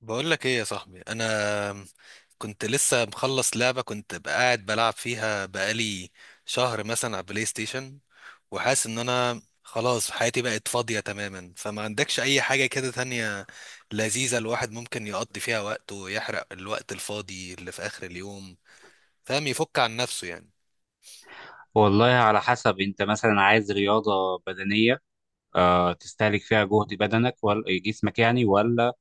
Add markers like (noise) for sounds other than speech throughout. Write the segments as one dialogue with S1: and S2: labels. S1: بقول لك ايه يا صاحبي، انا كنت لسه مخلص لعبة كنت قاعد بلعب فيها بقالي شهر مثلا على بلاي ستيشن، وحاسس ان انا خلاص حياتي بقت فاضية تماما، فما عندكش اي حاجة كده تانية لذيذة الواحد ممكن يقضي فيها وقته ويحرق الوقت الفاضي اللي في اخر اليوم، فاهم، يفك عن نفسه يعني.
S2: والله على حسب، انت مثلا عايز رياضة بدنية تستهلك فيها جهد بدنك ولا جسمك يعني، ولا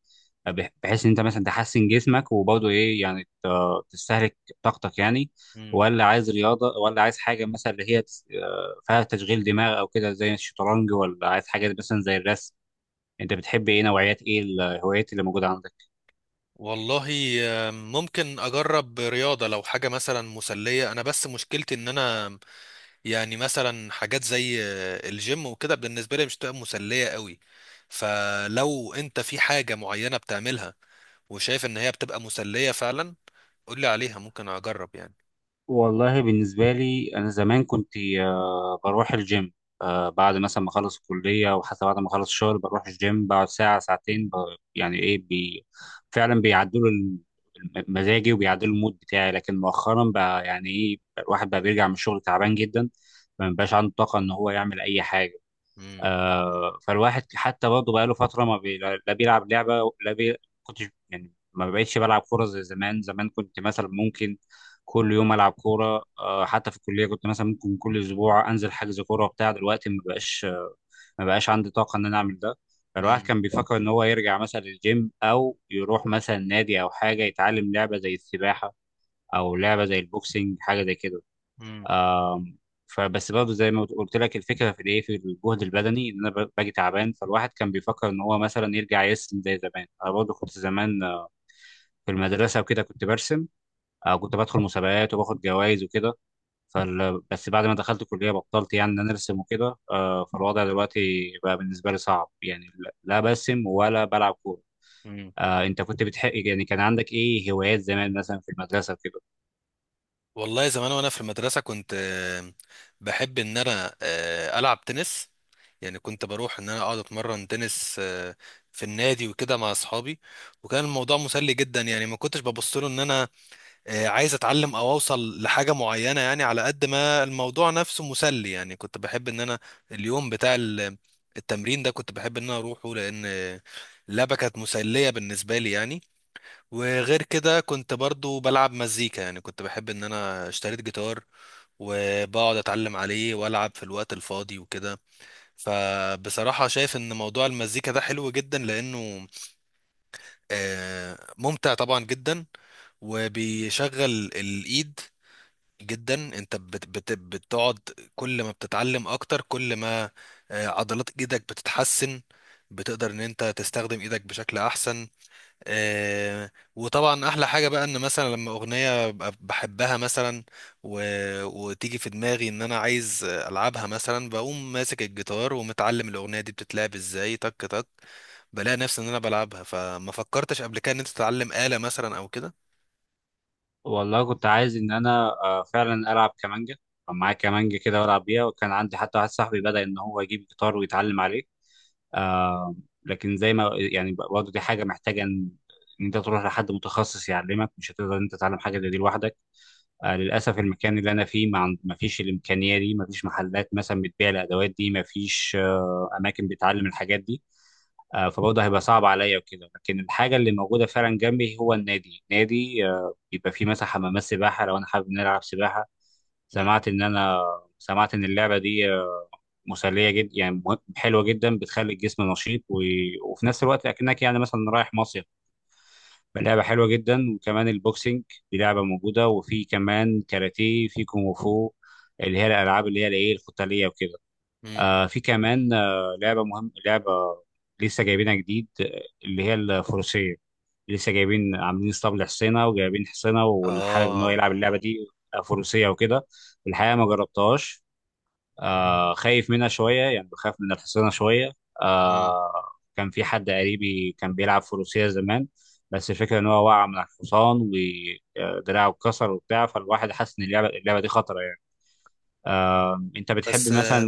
S2: بحيث ان انت مثلا تحسن جسمك وبرضه ايه يعني تستهلك طاقتك يعني،
S1: مم.
S2: ولا عايز رياضة، ولا عايز حاجة مثلا اللي هي فيها تشغيل دماغ او كده زي الشطرنج، ولا عايز حاجة مثلا زي الرسم؟ انت بتحب ايه نوعيات، ايه الهوايات اللي موجودة عندك؟
S1: والله، ممكن اجرب رياضة لو حاجة مثلا مسلية. انا بس مشكلتي ان انا يعني مثلا حاجات زي الجيم وكده بالنسبة لي مش تبقى مسلية قوي. فلو انت في حاجة معينة بتعملها وشايف ان هي بتبقى مسلية فعلا، قولي عليها ممكن اجرب يعني.
S2: والله بالنسبة لي، أنا زمان كنت بروح الجيم. بعد مثلا ما أخلص الكلية، وحتى بعد ما أخلص الشغل، بروح الجيم بقعد ساعة ساعتين ب- يعني إيه بي فعلا بيعدلوا مزاجي وبيعدلوا المود بتاعي. لكن مؤخرا بقى يعني إيه الواحد بقى بيرجع من الشغل تعبان جدا، ما بيبقاش عنده طاقة إن هو يعمل أي حاجة.
S1: مم.
S2: فالواحد حتى برضه بقاله فترة ما بي... لا بيلعب لعبة، لا بي... كنتش يعني ما بقتش بلعب كورة زي زمان. زمان كنت مثلا ممكن كل يوم ألعب كورة. آه، حتى في الكلية كنت مثلا ممكن كل أسبوع أنزل حجز كورة وبتاع. دلوقتي ما بقاش عندي طاقة إن أنا أعمل ده. فالواحد
S1: مم.
S2: كان بيفكر إن هو يرجع مثلا للجيم، أو يروح مثلا نادي، أو حاجة يتعلم لعبة زي السباحة، أو لعبة زي البوكسينج، حاجة زي كده.
S1: مم.
S2: آم، فبس برضه زي ما قلت لك، الفكره في في الجهد البدني، ان انا باجي تعبان. فالواحد كان بيفكر ان هو مثلا يرجع يرسم زي زمان. انا برضه كنت زمان في المدرسه وكده كنت برسم، او كنت بدخل مسابقات وباخد جوائز وكده. (laughs) بس بعد ما دخلت الكليه بطلت يعني ان انا ارسم وكده. آه، فالوضع دلوقتي بقى بالنسبه لي صعب يعني، لا برسم ولا بلعب كوره.
S1: مم.
S2: آه، انت كنت بتحق يعني كان عندك ايه هوايات زمان مثلا في المدرسه وكده؟
S1: والله زمان وانا في المدرسة كنت بحب ان انا العب تنس يعني. كنت بروح ان انا اقعد اتمرن تنس في النادي وكده مع اصحابي، وكان الموضوع مسلي جدا يعني. ما كنتش ببص له ان انا عايز اتعلم او اوصل لحاجه معينه يعني، على قد ما الموضوع نفسه مسلي يعني. كنت بحب ان انا اليوم بتاع التمرين ده كنت بحب ان انا اروحه لان اللعبه كانت مسليه بالنسبه لي يعني. وغير كده كنت برضو بلعب مزيكا يعني. كنت بحب ان انا اشتريت جيتار وبقعد اتعلم عليه والعب في الوقت الفاضي وكده. فبصراحه شايف ان موضوع المزيكا ده حلو جدا لانه ممتع طبعا جدا، وبيشغل الايد جدا. انت بت بت بتقعد كل ما بتتعلم اكتر كل ما عضلات ايدك بتتحسن، بتقدر ان انت تستخدم ايدك بشكل احسن. وطبعا احلى حاجة بقى ان مثلا لما اغنية ببقى بحبها مثلا و... وتيجي في دماغي ان انا عايز العبها مثلا، بقوم ماسك الجيتار ومتعلم الاغنية دي بتتلعب ازاي، تك تك، بلاقي نفسي ان انا بلعبها. فما فكرتش قبل كده ان انت تتعلم آلة مثلا او كده.
S2: والله كنت عايز ان انا فعلا العب كمانجا. كان معايا كمانجا كده والعب بيها، وكان عندي حتى واحد صاحبي بدأ ان هو يجيب جيتار ويتعلم عليه. آه، لكن زي ما يعني، برضه دي حاجه محتاجه إن انت تروح لحد متخصص يعلمك، مش هتقدر إن انت تتعلم حاجه زي دي لوحدك. آه، للاسف المكان اللي انا فيه ما فيش الامكانيه دي، ما فيش محلات مثلا بتبيع الادوات دي، ما فيش آه اماكن بتعلم الحاجات دي. آه، فبرضه هيبقى صعب عليا وكده. لكن الحاجه اللي موجوده فعلا جنبي هو النادي. نادي آه، يبقى في مثلا حمامات سباحة لو أنا حابب نلعب سباحة.
S1: امم،
S2: سمعت إن أنا سمعت إن اللعبة دي مسلية جدا يعني، حلوة جدا، بتخلي الجسم نشيط، وفي نفس الوقت أكنك يعني مثلا رايح مصيف. لعبة حلوة جدا. وكمان البوكسينج، دي لعبة موجودة. وفي كمان كاراتيه، في كونغ فو، اللي هي الألعاب اللي هي الإيه القتالية وكده. آه، في كمان آه لعبة لسه جايبينها جديد، آه، اللي هي الفروسية. لسه جايبين، عاملين اسطبل لحسينه وجايبين حسينه، واللي حابب ان هو
S1: اه.
S2: يلعب اللعبه دي فروسيه وكده. الحقيقه ما جربتهاش. آه، خايف منها شويه يعني، بخاف من الحصينه شويه.
S1: إمم.
S2: آه، كان في حد قريبي كان بيلعب فروسيه زمان، بس الفكره ان هو وقع من على الحصان ودراعه اتكسر وبتاع. فالواحد حاسس ان اللعبه دي خطره يعني. آه، انت بتحب
S1: بس
S2: مثلا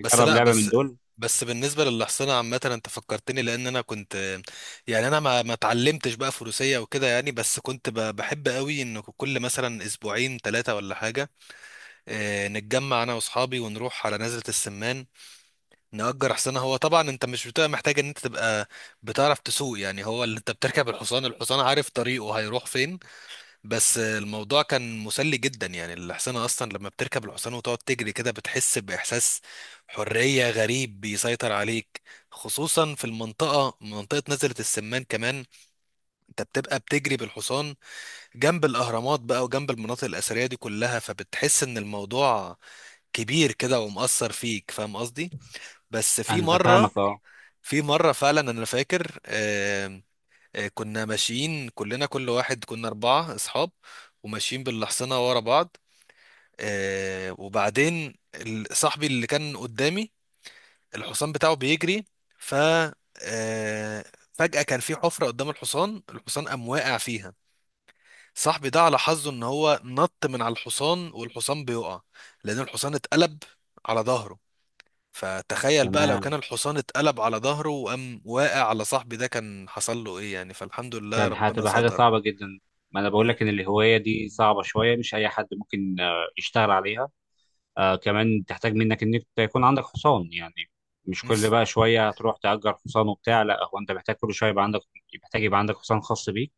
S1: بس
S2: تجرب
S1: لا
S2: لعبه من
S1: بس
S2: دول؟
S1: بس بالنسبه للحصانه عامه، انت فكرتني، لان انا كنت يعني انا ما اتعلمتش بقى فروسيه وكده يعني، بس كنت بحب قوي ان كل مثلا اسبوعين ثلاثه ولا حاجه نتجمع انا واصحابي ونروح على نزله السمان، نأجر حصانه. هو طبعا انت مش بتبقى محتاج ان انت تبقى بتعرف تسوق يعني، هو اللي انت بتركب، الحصان عارف طريقه هيروح فين. بس الموضوع كان مسلي جدا يعني. الحصانة أصلا لما بتركب الحصان وتقعد تجري كده، بتحس بإحساس حرية غريب بيسيطر عليك، خصوصا في المنطقة، منطقة نزلة السمان كمان. أنت بتبقى بتجري بالحصان جنب الأهرامات بقى، وجنب المناطق الأثرية دي كلها، فبتحس إن الموضوع كبير كده ومؤثر فيك، فاهم قصدي؟ بس في
S2: انا
S1: مرة
S2: فاهمك، اه.
S1: في مرة فعلا أنا فاكر، كنا ماشيين كلنا، كل واحد، كنا أربعة أصحاب وماشيين بالحصنة ورا بعض. وبعدين صاحبي اللي كان قدامي الحصان بتاعه بيجري، ف آه فجأة كان في حفرة قدام الحصان، الحصان قام واقع فيها. صاحبي ده على حظه ان هو نط من على الحصان والحصان بيقع، لان الحصان اتقلب على ظهره. فتخيل بقى لو كان
S2: تمام.
S1: الحصان اتقلب على ظهره وقام واقع على صاحبي ده، كان حصل له ايه يعني. فالحمد لله
S2: كان
S1: ربنا
S2: هتبقى حاجة
S1: ستر.
S2: صعبة جدا. ما أنا بقول لك إن
S1: مم.
S2: الهواية دي صعبة شوية، مش أي حد ممكن يشتغل عليها. آه، كمان تحتاج منك إنك يكون عندك حصان يعني. مش كل بقى
S1: (laughs)
S2: شوية هتروح تأجر حصان وبتاع. لا، هو أنت محتاج كل شوية يبقى عندك، يبقى عندك حصان خاص بيك.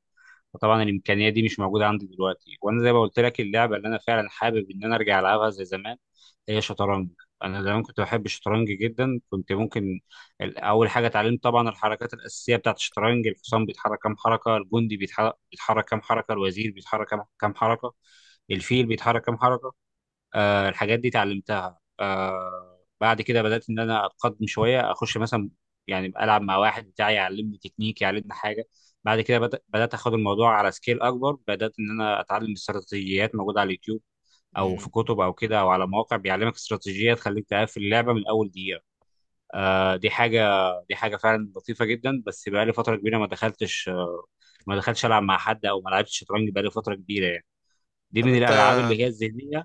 S2: فطبعا الامكانيه دي مش موجوده عندي دلوقتي. وانا زي ما قلت لك، اللعبه اللي انا فعلا حابب ان انا ارجع العبها زي زمان هي شطرنج. انا زمان كنت بحب الشطرنج جدا. كنت ممكن، اول حاجه اتعلمت طبعا الحركات الاساسيه بتاعت الشطرنج. الحصان بيتحرك كام حركه، الجندي بيتحرك كام حركه، الوزير بيتحرك كام حركه، الفيل بيتحرك كام حركه. آه، الحاجات دي اتعلمتها. آه، بعد كده بدأت إن أنا أتقدم شوية، أخش مثلا يعني ألعب مع واحد بتاعي يعلمني تكنيك، يعلمني حاجة. بعد كده بدأت أخد الموضوع على سكيل أكبر، بدأت إن أنا أتعلم استراتيجيات موجودة على اليوتيوب أو
S1: مم.
S2: في كتب أو كده، أو على مواقع بيعلمك استراتيجية تخليك تقفل اللعبة من أول دقيقة. آه، دي حاجة فعلا لطيفة جدا. بس بقالي فترة كبيرة ما دخلتش ألعب مع حد، أو ما لعبتش شطرنج بقالي فترة كبيرة يعني. دي
S1: طب
S2: من
S1: انت
S2: الألعاب اللي هي الذهنية.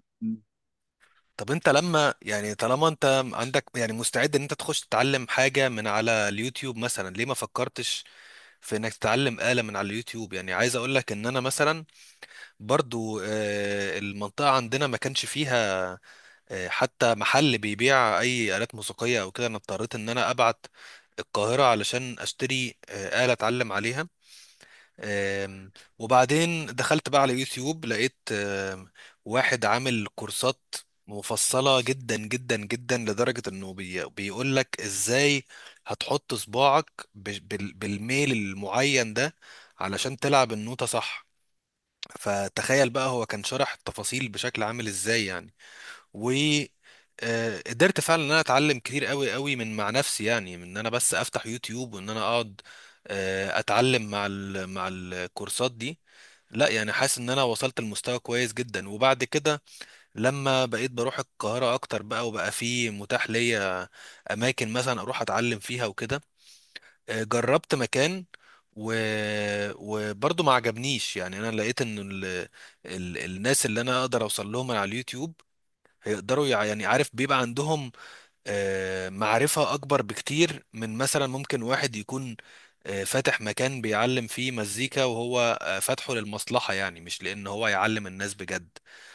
S1: طب انت لما يعني، طالما انت عندك يعني مستعد ان انت تخش تتعلم حاجة من على اليوتيوب مثلا، ليه ما فكرتش في انك تتعلم آلة من على اليوتيوب يعني؟ عايز اقول لك ان انا مثلا برضو المنطقة عندنا ما كانش فيها حتى محل بيبيع اي آلات موسيقية او كده، انا اضطريت ان انا ابعت القاهرة علشان اشتري آلة اتعلم عليها. آم، وبعدين دخلت بقى على يوتيوب، لقيت واحد عامل كورسات مفصلة جدا جدا جدا، لدرجة انه بيقول لك ازاي هتحط صباعك بالميل المعين ده علشان تلعب النوتة صح. فتخيل بقى هو كان شرح التفاصيل بشكل عامل ازاي يعني. و آه، قدرت فعلا ان انا اتعلم كتير قوي من مع نفسي يعني، من ان انا بس افتح يوتيوب وان انا اقعد اتعلم مع ال مع الكورسات دي. لا يعني حاسس ان انا وصلت لمستوى كويس جدا. وبعد كده لما بقيت بروح القاهرة اكتر بقى، وبقى في متاح ليا اماكن مثلا اروح اتعلم فيها وكده، جربت مكان و... وبرضه ما عجبنيش يعني. انا لقيت ان الناس اللي انا اقدر اوصل لهم على اليوتيوب هيقدروا يعني عارف بيبقى عندهم معرفة أكبر بكتير من مثلا ممكن واحد يكون فاتح مكان بيعلم فيه مزيكا وهو فاتحه للمصلحة يعني، مش لأن هو يعلم الناس بجد.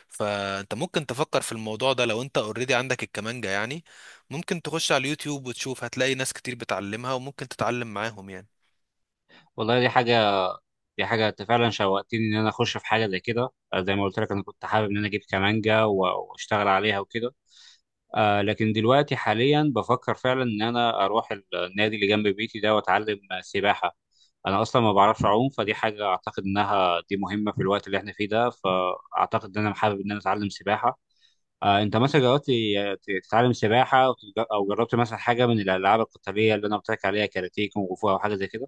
S1: فأنت ممكن تفكر في الموضوع ده لو أنت اوريدي عندك الكمانجا يعني، ممكن تخش على اليوتيوب وتشوف، هتلاقي ناس كتير بتعلمها وممكن تتعلم معاهم يعني.
S2: والله دي حاجة انت فعلا شوقتني ان انا اخش في حاجة زي كده. آه، زي ما قلت لك، انا كنت حابب ان انا اجيب كمانجا واشتغل عليها وكده. آه، لكن دلوقتي حاليا بفكر فعلا ان انا اروح النادي اللي جنب بيتي ده واتعلم سباحة. انا اصلا ما بعرفش اعوم، فدي حاجة اعتقد انها دي مهمة في الوقت اللي احنا فيه ده، فاعتقد ان انا حابب ان انا اتعلم سباحة. آه، انت مثلا جربت تتعلم سباحة، او تج- أو جربت مثلا حاجة من الالعاب القتالية اللي انا قلت لك عليها، كاراتيه، كونغ فو، او حاجة زي كده؟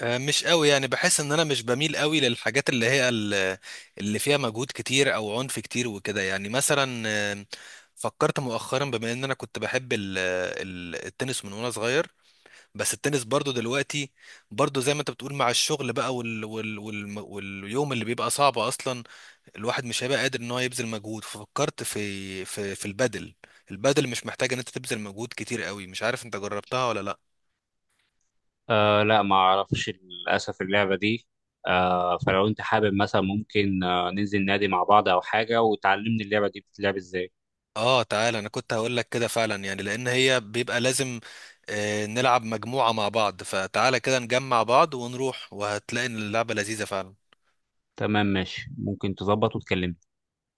S1: مش قوي يعني، بحس ان انا مش بميل قوي للحاجات اللي هي اللي فيها مجهود كتير او عنف كتير وكده يعني. مثلا فكرت مؤخرا بما ان انا كنت بحب التنس من وانا صغير، بس التنس برضو دلوقتي برضو زي ما انت بتقول، مع الشغل بقى واليوم اللي بيبقى صعب اصلا، الواحد مش هيبقى قادر ان هو يبذل مجهود. ففكرت في البدل. البدل مش محتاج ان انت تبذل مجهود كتير قوي. مش عارف انت جربتها ولا لا؟
S2: آه، لا ما اعرفش للاسف اللعبه دي. آه، فلو انت حابب مثلا ممكن ننزل نادي مع بعض او حاجه، وتعلمني اللعبه دي بتتلعب ازاي.
S1: اه، تعالى انا كنت هقول لك كده فعلا، يعني لان هي بيبقى لازم نلعب مجموعة مع بعض. فتعالى كده نجمع بعض ونروح، وهتلاقي ان اللعبة لذيذة فعلا.
S2: تمام، ماشي، ممكن تظبط وتكلمني.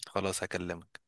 S1: خلاص هكلمك.